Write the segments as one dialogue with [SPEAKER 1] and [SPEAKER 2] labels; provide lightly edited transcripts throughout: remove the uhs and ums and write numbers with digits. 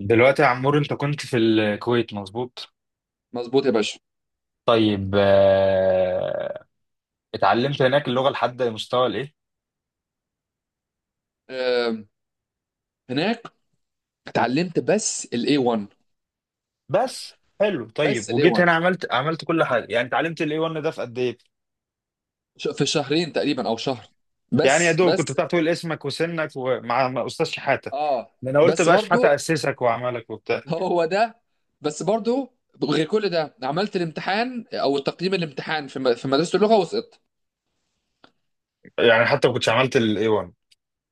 [SPEAKER 1] دلوقتي يا عمور، انت كنت في الكويت، مظبوط؟
[SPEAKER 2] مظبوط يا باشا.
[SPEAKER 1] طيب، اتعلمت هناك اللغة لحد مستوى الايه؟
[SPEAKER 2] آه، هناك اتعلمت بس الاي 1.
[SPEAKER 1] بس حلو. طيب
[SPEAKER 2] بس الاي
[SPEAKER 1] وجيت هنا،
[SPEAKER 2] 1
[SPEAKER 1] عملت كل حاجة. يعني اتعلمت الاي 1 ده في قد ايه؟
[SPEAKER 2] في شهرين تقريبا او شهر.
[SPEAKER 1] يعني يا
[SPEAKER 2] بس
[SPEAKER 1] دوب كنت
[SPEAKER 2] بس
[SPEAKER 1] بتعرف تقول اسمك وسنك ومع استاذ شحاتة.
[SPEAKER 2] اه
[SPEAKER 1] ده انا قلت
[SPEAKER 2] بس
[SPEAKER 1] بقى شحاتة
[SPEAKER 2] برضو
[SPEAKER 1] اسسك وعملك وبتاع.
[SPEAKER 2] هو ده. بس برضو غير كل ده عملت الامتحان او تقييم الامتحان في مدرسة اللغة وسقطت.
[SPEAKER 1] يعني حتى ما كنتش عملت الاي 1.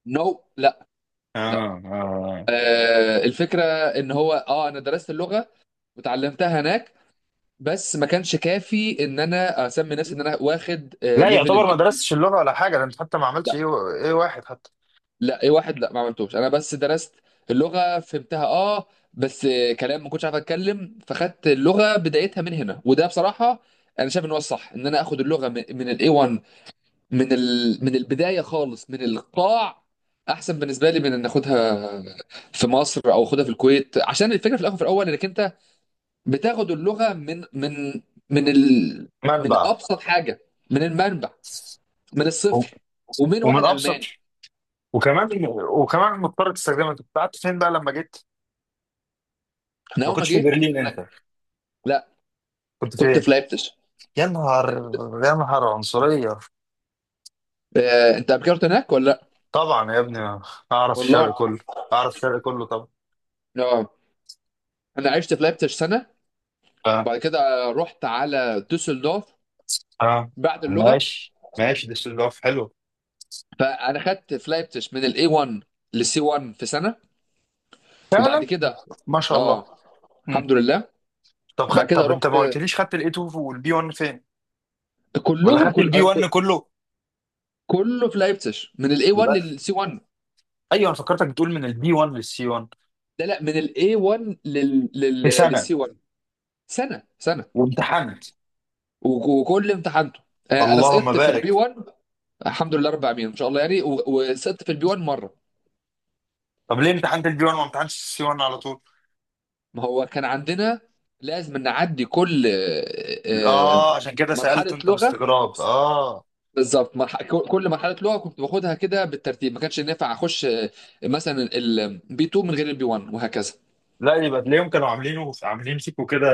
[SPEAKER 2] نو، لا، لا.
[SPEAKER 1] اه اه.
[SPEAKER 2] الفكرة ان هو انا درست اللغة وتعلمتها هناك، بس ما كانش كافي ان انا اسمي نفسي ان انا واخد
[SPEAKER 1] لا،
[SPEAKER 2] ليفل
[SPEAKER 1] يعتبر ما
[SPEAKER 2] الاي.
[SPEAKER 1] درستش اللغة ولا حاجة. ده انت حتى ما عملتش ايه، ايه واحد حتى.
[SPEAKER 2] لا، ايه واحد، لا ما عملتوش، انا بس درست اللغه فهمتها اه. بس كلام ما كنتش عارف اتكلم، فخدت اللغه بدايتها من هنا، وده بصراحه انا شايف ان هو الصح ان انا اخد اللغه من الاي 1، من البدايه خالص، من القاع، احسن بالنسبه لي من ان اخدها في مصر او اخدها في الكويت. عشان الفكره في الاخر في الاول انك انت بتاخد اللغه من من
[SPEAKER 1] منبع.
[SPEAKER 2] ابسط حاجه، من المنبع، من
[SPEAKER 1] و-
[SPEAKER 2] الصفر، ومن
[SPEAKER 1] ومن
[SPEAKER 2] واحد
[SPEAKER 1] ابسط.
[SPEAKER 2] الماني.
[SPEAKER 1] وكمان وكمان مضطر تستخدمها. انت كنت قعدت فين بقى لما جيت؟
[SPEAKER 2] انا
[SPEAKER 1] ما
[SPEAKER 2] اول ما
[SPEAKER 1] كنتش في
[SPEAKER 2] جيت كنت،
[SPEAKER 1] برلين
[SPEAKER 2] لا
[SPEAKER 1] انت؟
[SPEAKER 2] لا،
[SPEAKER 1] كنت
[SPEAKER 2] كنت
[SPEAKER 1] فين؟
[SPEAKER 2] في لايبتش.
[SPEAKER 1] يا نهار. يا نهار عنصرية.
[SPEAKER 2] انت قبل كده رحت هناك ولا لا؟
[SPEAKER 1] طبعا يا ابني، اعرف الشرق
[SPEAKER 2] والله
[SPEAKER 1] كله. اعرف الشرق كله طبعا.
[SPEAKER 2] اه، انا عشت في لايبتش سنه،
[SPEAKER 1] اه
[SPEAKER 2] بعد كده رحت على دوسلدورف
[SPEAKER 1] اه.
[SPEAKER 2] بعد اللغه.
[SPEAKER 1] ماشي ماشي، ديسلدورف حلو.
[SPEAKER 2] فانا خدت في لايبتش من الاي 1 للسي 1 في سنه، وبعد
[SPEAKER 1] فعلا.
[SPEAKER 2] كده
[SPEAKER 1] ما شاء الله.
[SPEAKER 2] اه
[SPEAKER 1] مم.
[SPEAKER 2] الحمد لله.
[SPEAKER 1] طب
[SPEAKER 2] بعد كده
[SPEAKER 1] طب انت
[SPEAKER 2] رحت
[SPEAKER 1] ما
[SPEAKER 2] آه،
[SPEAKER 1] قلتليش، خدت الاي 2 والبي 1 فين؟ ولا
[SPEAKER 2] كلهم
[SPEAKER 1] خدت
[SPEAKER 2] كل
[SPEAKER 1] البي
[SPEAKER 2] آه،
[SPEAKER 1] 1
[SPEAKER 2] ك-
[SPEAKER 1] كله؟
[SPEAKER 2] كله في لايبتش من الاي 1
[SPEAKER 1] يبقى.
[SPEAKER 2] للسي 1.
[SPEAKER 1] ايوه، انا فكرتك بتقول من البي 1 للسي 1
[SPEAKER 2] لا لا، من الاي 1
[SPEAKER 1] في سنة
[SPEAKER 2] للسي 1. سنه، سنه.
[SPEAKER 1] وامتحنت.
[SPEAKER 2] وكل امتحانته، انا
[SPEAKER 1] اللهم
[SPEAKER 2] سقطت في البي
[SPEAKER 1] بارك.
[SPEAKER 2] 1. الحمد لله رب العالمين، ان شاء الله يعني، وسقطت في البي 1 مره.
[SPEAKER 1] طب ليه امتحنت البي 1 وما امتحنتش السي 1 على طول؟
[SPEAKER 2] ما هو كان عندنا لازم نعدي كل
[SPEAKER 1] اه عشان كده سألت
[SPEAKER 2] مرحله
[SPEAKER 1] انت
[SPEAKER 2] لغه.
[SPEAKER 1] باستغراب، اه.
[SPEAKER 2] بالظبط، كل مرحله لغه كنت باخدها كده بالترتيب، ما كانش ينفع اخش مثلا البي 2 من غير البي 1 وهكذا.
[SPEAKER 1] لا، يبقى تلاقيهم كانوا عاملين فيكوا كده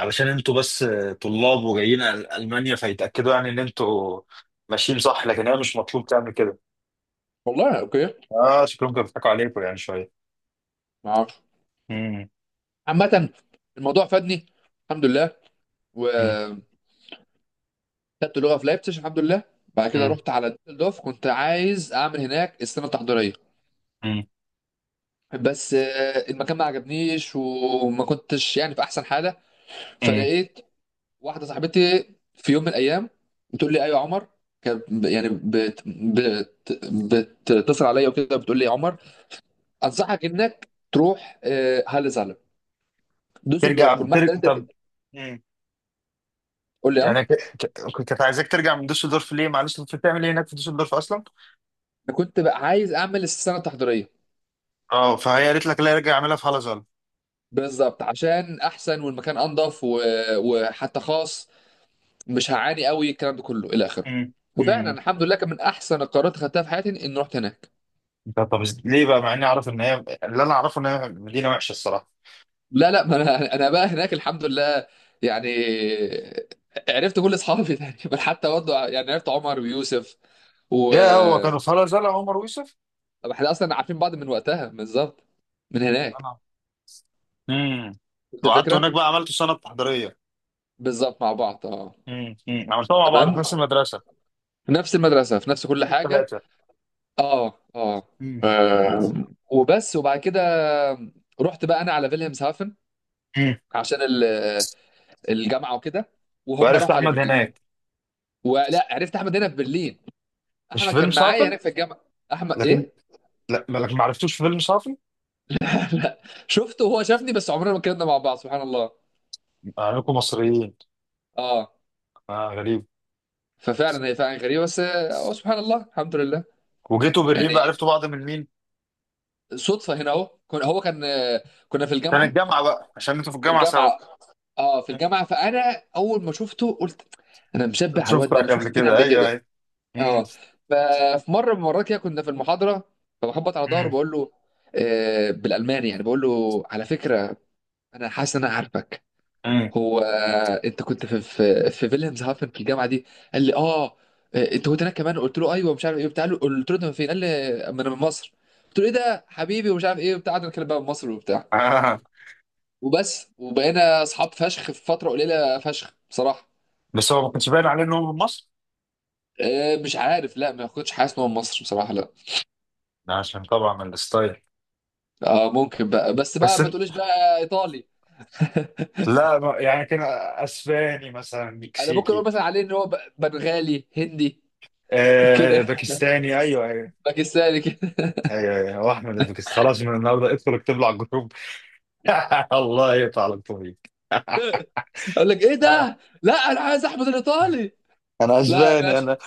[SPEAKER 1] علشان انتوا بس طلاب وجايين ألمانيا، فيتأكدوا يعني ان انتوا ماشيين صح، لكن هي مش مطلوب تعمل كده.
[SPEAKER 2] والله اوكي،
[SPEAKER 1] اه، شكلهم كانوا بيضحكوا عليكم يعني شوية.
[SPEAKER 2] ما اعرفش.
[SPEAKER 1] مم،
[SPEAKER 2] عامه الموضوع فادني الحمد لله،
[SPEAKER 1] مم،
[SPEAKER 2] وخدت لغه في لايبتش الحمد لله. بعد كده
[SPEAKER 1] مم،
[SPEAKER 2] رحت على دوف، كنت عايز اعمل هناك السنه التحضيريه،
[SPEAKER 1] مم،
[SPEAKER 2] بس المكان ما عجبنيش، وما كنتش يعني في احسن حاله.
[SPEAKER 1] مم.
[SPEAKER 2] فلقيت واحده صاحبتي في يوم من الايام بتقول لي ايوه يا عمر، كانت ب- يعني بت بت بتتصل عليا وكده بتقول لي يا عمر انصحك انك تروح هالة زعلب دوسلدورف والمحل اللي انت فيه.
[SPEAKER 1] طب. مم.
[SPEAKER 2] قول لي اه.
[SPEAKER 1] يعني كنت عايزاك ترجع من دوسلدورف ليه؟ معلش، انت بتعمل ايه هناك في دوسلدورف اصلا؟
[SPEAKER 2] انا كنت بقى عايز اعمل السنه التحضيريه.
[SPEAKER 1] اه، فهي قالت لك لا، ارجع اعملها في هالازال.
[SPEAKER 2] بالظبط عشان احسن والمكان انضف، وحتى خاص، مش هعاني قوي الكلام ده كله الى اخره.
[SPEAKER 1] مم،
[SPEAKER 2] وفعلا
[SPEAKER 1] مم.
[SPEAKER 2] الحمد لله كان من احسن القرارات اللي خدتها في حياتي اني رحت هناك.
[SPEAKER 1] طب طب، ليه بقى؟ مع اني اعرف ان هي، اللي انا اعرفه ان هي مدينه وحشه الصراحه.
[SPEAKER 2] لا لا، ما انا انا بقى هناك الحمد لله يعني عرفت كل اصحابي تقريبا. حتى برضه يعني عرفت عمر ويوسف و.
[SPEAKER 1] يا هو كانوا في هلا زعل عمر ويوسف؟
[SPEAKER 2] طب احنا اصلا عارفين بعض من وقتها بالظبط، من هناك.
[SPEAKER 1] انا، امم.
[SPEAKER 2] انت
[SPEAKER 1] وقعدت
[SPEAKER 2] فكره.
[SPEAKER 1] هناك بقى عملت سنه تحضيريه.
[SPEAKER 2] بالظبط مع بعض اه.
[SPEAKER 1] امم. أمم. عملتها مع بعض في
[SPEAKER 2] تمام،
[SPEAKER 1] نفس المدرسه.
[SPEAKER 2] في نفس المدرسه، في نفس كل حاجه.
[SPEAKER 1] الثلاثه.
[SPEAKER 2] اه اه.
[SPEAKER 1] امم.
[SPEAKER 2] آه، وبس، وبعد كده رحت بقى انا على فيلهمز هافن
[SPEAKER 1] امم.
[SPEAKER 2] عشان الجامعه وكده، وهم
[SPEAKER 1] وعرفت
[SPEAKER 2] راحوا على
[SPEAKER 1] احمد
[SPEAKER 2] برلين.
[SPEAKER 1] هناك؟
[SPEAKER 2] ولا عرفت احمد هنا في برلين،
[SPEAKER 1] مش
[SPEAKER 2] احمد
[SPEAKER 1] في فيلم
[SPEAKER 2] كان معايا
[SPEAKER 1] صافن؟
[SPEAKER 2] هناك في الجامعه. احمد
[SPEAKER 1] لكن،
[SPEAKER 2] ايه.
[SPEAKER 1] لا، لكن ما عرفتوش في فيلم صافن.
[SPEAKER 2] لا، شفته وهو شافني بس عمرنا ما اتكلمنا مع بعض سبحان الله.
[SPEAKER 1] انكم مصريين.
[SPEAKER 2] اه.
[SPEAKER 1] اه غريب.
[SPEAKER 2] ففعلا هي فعلا غريبه، بس هو سبحان الله الحمد لله
[SPEAKER 1] وجيتوا برلين بقى
[SPEAKER 2] يعني.
[SPEAKER 1] عرفتوا بعض من مين؟
[SPEAKER 2] صدفه هنا اهو، كنا هو كان كنا في
[SPEAKER 1] كان
[SPEAKER 2] الجامعه،
[SPEAKER 1] الجامعه بقى عشان انتوا في
[SPEAKER 2] في
[SPEAKER 1] الجامعه سوا.
[SPEAKER 2] الجامعه. اه في
[SPEAKER 1] أمم.
[SPEAKER 2] الجامعه. فانا اول ما شفته قلت: انا مشبه على الواد
[SPEAKER 1] شفتك
[SPEAKER 2] ده، انا
[SPEAKER 1] قبل
[SPEAKER 2] شفته فين
[SPEAKER 1] كده،
[SPEAKER 2] قبل
[SPEAKER 1] ايوه
[SPEAKER 2] كده.
[SPEAKER 1] ايوه. امم.
[SPEAKER 2] اه. ففي مره من المرات كده كنا في المحاضره، فبخبط على ظهره
[SPEAKER 1] امم.
[SPEAKER 2] بقول له آه بالالماني يعني بقول له: على فكره انا حاسس ان انا عارفك. هو انت كنت في فيلهمز هافن في الجامعه دي؟ قال لي اه. انت كنت هناك كمان؟ قلت له ايوه مش عارف ايه بتاع. قلت له انت من فين؟ قال لي ما انا من مصر. قلت له ايه ده حبيبي، ومش عارف ايه وبتاع. قعدنا نتكلم بقى من مصر وبتاع،
[SPEAKER 1] أمم.
[SPEAKER 2] وبس. وبقينا اصحاب فشخ في فتره قليله فشخ بصراحه.
[SPEAKER 1] بس هو ما كانش باين عليه ان هو من مصر.
[SPEAKER 2] مش عارف، لا ما كنتش حاسس ان هو من مصر بصراحه لا.
[SPEAKER 1] ده عشان طبعا الستايل.
[SPEAKER 2] اه ممكن بقى، بس
[SPEAKER 1] بس
[SPEAKER 2] بقى ما
[SPEAKER 1] انت-
[SPEAKER 2] تقوليش بقى ايطالي.
[SPEAKER 1] لا، يعني كان اسباني مثلا،
[SPEAKER 2] انا ممكن
[SPEAKER 1] مكسيكي.
[SPEAKER 2] اقول مثلا عليه ان هو بنغالي هندي
[SPEAKER 1] آه،
[SPEAKER 2] كده،
[SPEAKER 1] باكستاني، ايوه ايوه.
[SPEAKER 2] باكستاني كده.
[SPEAKER 1] ايوه ايوه، هو احمد الباكستاني خلاص. من النهارده ادخل اكتب له على الجروب. الله يقطع لك طريق.
[SPEAKER 2] اقول لك ايه
[SPEAKER 1] آه.
[SPEAKER 2] ده، لا انا عايز احمد الايطالي.
[SPEAKER 1] انا
[SPEAKER 2] لا يا
[SPEAKER 1] اسباني
[SPEAKER 2] باشا،
[SPEAKER 1] انا.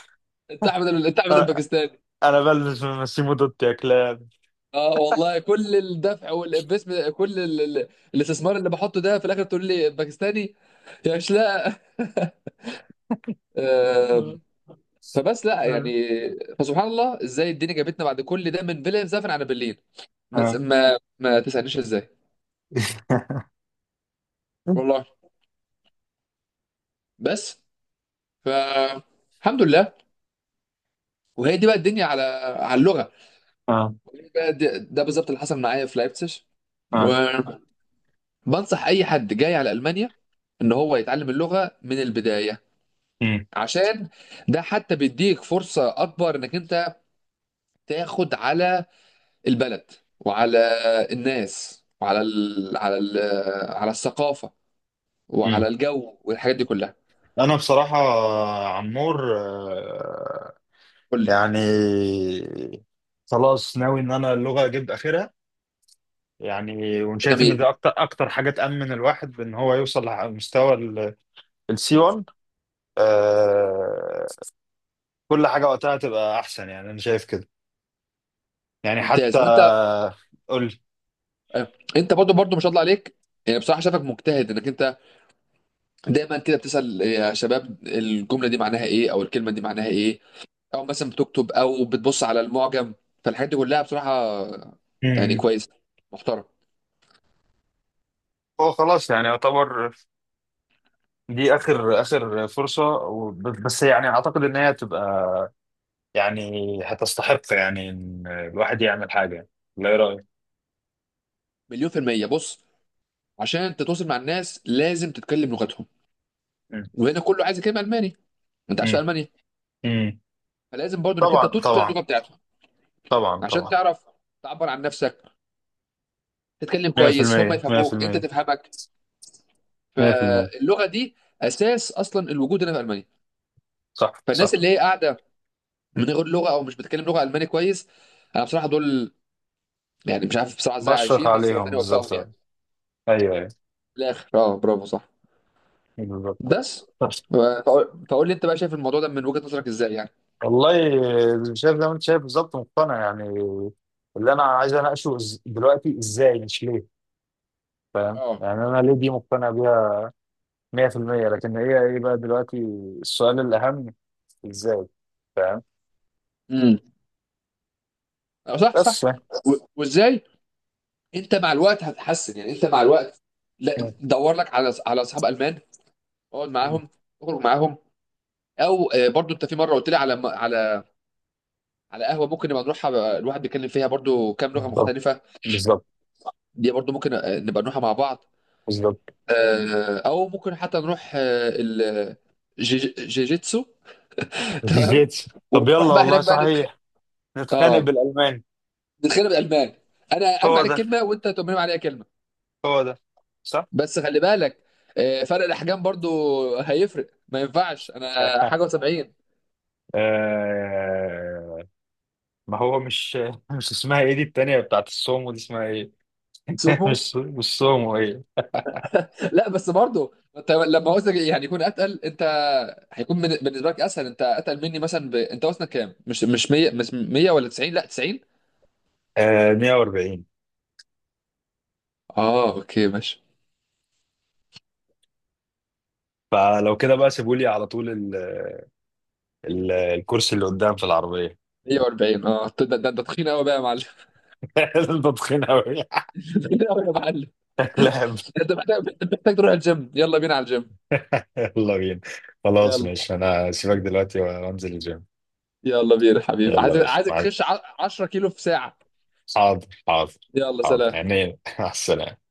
[SPEAKER 2] انت احمد انت احمد
[SPEAKER 1] انا
[SPEAKER 2] الباكستاني.
[SPEAKER 1] أنا بلبس من ماسيمو دوتي يا كلاب.
[SPEAKER 2] اه والله كل الدفع والانفستمنت كل الاستثمار اللي بحطه ده في الاخر تقول لي باكستاني يا شلاء.
[SPEAKER 1] آه.
[SPEAKER 2] آم، فبس لا يعني. فسبحان الله ازاي الدنيا جابتنا بعد كل ده من فيلا مسافر على برلين. ما تس-
[SPEAKER 1] آه.
[SPEAKER 2] ما, ما تسالنيش ازاي. والله. بس. فالحمد لله. وهي دي بقى الدنيا على على اللغه.
[SPEAKER 1] آه.
[SPEAKER 2] وهي بقى ده بالظبط اللي حصل معايا في لايبسج.
[SPEAKER 1] آه.
[SPEAKER 2] وبنصح اي حد جاي على المانيا ان هو يتعلم اللغه من البدايه،
[SPEAKER 1] مم.
[SPEAKER 2] عشان ده حتى بيديك فرصه اكبر انك انت تاخد على البلد، وعلى الناس، وعلى على الثقافه، وعلى
[SPEAKER 1] مم.
[SPEAKER 2] الجو، والحاجات دي كلها.
[SPEAKER 1] انا بصراحه عمور،
[SPEAKER 2] قول لي.
[SPEAKER 1] يعني خلاص ناوي ان انا اللغه اجيب اخرها. يعني وشايف ان
[SPEAKER 2] جميل
[SPEAKER 1] دي اكتر اكتر حاجه تامن الواحد بان هو يوصل لمستوى السي 1. آه. كل حاجه وقتها تبقى احسن، يعني انا شايف كده. يعني حتى،
[SPEAKER 2] ممتاز. وانت
[SPEAKER 1] قول لي.
[SPEAKER 2] انت برضو ما شاء الله عليك يعني بصراحه شافك مجتهد، انك انت دايما كده بتسأل يا شباب الجملة دي معناها ايه، او الكلمة دي معناها ايه، او مثلا بتكتب او بتبص على المعجم. فالحاجات دي كلها بصراحة يعني
[SPEAKER 1] مم.
[SPEAKER 2] كويس، محترم.
[SPEAKER 1] هو خلاص يعني يعتبر دي اخر اخر فرصه، بس يعني اعتقد ان هي تبقى، يعني، هتستحق يعني ان الواحد يعمل حاجه. لا، ايه رايك؟
[SPEAKER 2] مليون في المية، بص، عشان تتواصل مع الناس لازم تتكلم لغتهم،
[SPEAKER 1] مم.
[SPEAKER 2] وهنا كله عايز يتكلم الماني، انت عايش
[SPEAKER 1] مم.
[SPEAKER 2] في المانيا،
[SPEAKER 1] مم.
[SPEAKER 2] فلازم برضو انك انت
[SPEAKER 1] طبعا
[SPEAKER 2] تتقن
[SPEAKER 1] طبعا
[SPEAKER 2] اللغة بتاعتهم
[SPEAKER 1] طبعا
[SPEAKER 2] عشان
[SPEAKER 1] طبعا.
[SPEAKER 2] تعرف تعبر عن نفسك، تتكلم كويس، هم
[SPEAKER 1] 100%
[SPEAKER 2] يفهموك انت
[SPEAKER 1] 100%
[SPEAKER 2] تفهمك.
[SPEAKER 1] 100%.
[SPEAKER 2] فاللغة دي اساس اصلا الوجود هنا في المانيا.
[SPEAKER 1] صح
[SPEAKER 2] فالناس
[SPEAKER 1] صح.
[SPEAKER 2] اللي هي قاعدة من غير لغه، او مش بتكلم لغه الماني كويس، انا بصراحه دول يعني مش عارف بصراحه ازاي
[SPEAKER 1] بشفق
[SPEAKER 2] عايشين، بس ربنا
[SPEAKER 1] عليهم
[SPEAKER 2] يوفقهم
[SPEAKER 1] بالظبط.
[SPEAKER 2] يعني.
[SPEAKER 1] ايوه ايوه،
[SPEAKER 2] في الاخر اه برافو صح.
[SPEAKER 1] بالظبط.
[SPEAKER 2] بس فقول لي انت بقى شايف الموضوع ده من وجهه نظرك ازاي يعني.
[SPEAKER 1] والله شايف زي ما انت شايف بالظبط، مقتنع يعني. اللي انا عايز اناقشه، دلوقتي ازاي، مش ليه. فاهم؟
[SPEAKER 2] اه.
[SPEAKER 1] يعني انا ليه دي مقتنع بيها 100%. لكن هي ايه بقى دلوقتي السؤال الاهم؟ ازاي. فاهم؟
[SPEAKER 2] امم. اه صح
[SPEAKER 1] بس
[SPEAKER 2] صح.
[SPEAKER 1] يعني.
[SPEAKER 2] وازاي انت مع الوقت هتتحسن. يعني انت مع الوقت، لا
[SPEAKER 1] م-
[SPEAKER 2] دور لك على على اصحاب المان، اقعد
[SPEAKER 1] م-
[SPEAKER 2] معاهم، اخرج معاهم. او برضو انت في مره قلت لي على على على قهوه ممكن نبقى نروحها بقى، الواحد بيتكلم فيها برضو كام لغه
[SPEAKER 1] بالظبط،
[SPEAKER 2] مختلفه،
[SPEAKER 1] بالظبط،
[SPEAKER 2] دي برضو ممكن نبقى نروحها مع بعض.
[SPEAKER 1] بالظبط.
[SPEAKER 2] او ممكن حتى نروح جيجيتسو. تمام.
[SPEAKER 1] طب
[SPEAKER 2] ونروح
[SPEAKER 1] يلا،
[SPEAKER 2] بقى
[SPEAKER 1] والله
[SPEAKER 2] هناك بقى
[SPEAKER 1] صحيح. نتخانق
[SPEAKER 2] اه
[SPEAKER 1] بالالماني.
[SPEAKER 2] نتخانق بالالمان. انا ارمي
[SPEAKER 1] هو
[SPEAKER 2] عليك
[SPEAKER 1] ده
[SPEAKER 2] كلمه وانت ترمي عليا كلمه.
[SPEAKER 1] هو ده، صح.
[SPEAKER 2] بس خلي بالك، فرق الاحجام برضو هيفرق، ما ينفعش انا حاجه و70.
[SPEAKER 1] آه. ما هو مش مش اسمها ايه دي؟ التانية بتاعت السومو دي اسمها ايه؟
[SPEAKER 2] سمو.
[SPEAKER 1] مش سومو، ايه؟
[SPEAKER 2] لا بس برضو ما انت لما وزنك يعني يكون اتقل انت، هيكون بالنسبه لك اسهل انت اتقل مني مثلا انت وزنك كام؟ مش مش 100؟ مش 100 ولا 90؟ لا 90.
[SPEAKER 1] آه، 140.
[SPEAKER 2] اه اوكي ماشي.
[SPEAKER 1] فلو كده بقى سيبوا لي على طول ال، ال الكرسي اللي قدام في العربية.
[SPEAKER 2] 140. اه ده تخين قوي بقى يا معلم.
[SPEAKER 1] انت تخين أوي.
[SPEAKER 2] تخين قوي يا معلم.
[SPEAKER 1] لعب.
[SPEAKER 2] انت محتاج، أنت محتاج تروح الجيم، يلا بينا على الجيم.
[SPEAKER 1] يلا بينا. خلاص
[SPEAKER 2] يلا.
[SPEAKER 1] ماشي، أنا سيبك دلوقتي وأنزل الجيم.
[SPEAKER 2] يلا بينا حبيبي،
[SPEAKER 1] يلا
[SPEAKER 2] عايزك
[SPEAKER 1] ماشي
[SPEAKER 2] عايزك تخش 10 كيلو في ساعة.
[SPEAKER 1] حاضر حاضر.
[SPEAKER 2] يلا
[SPEAKER 1] حاضر
[SPEAKER 2] سلام.
[SPEAKER 1] عينيا. مع السلامة.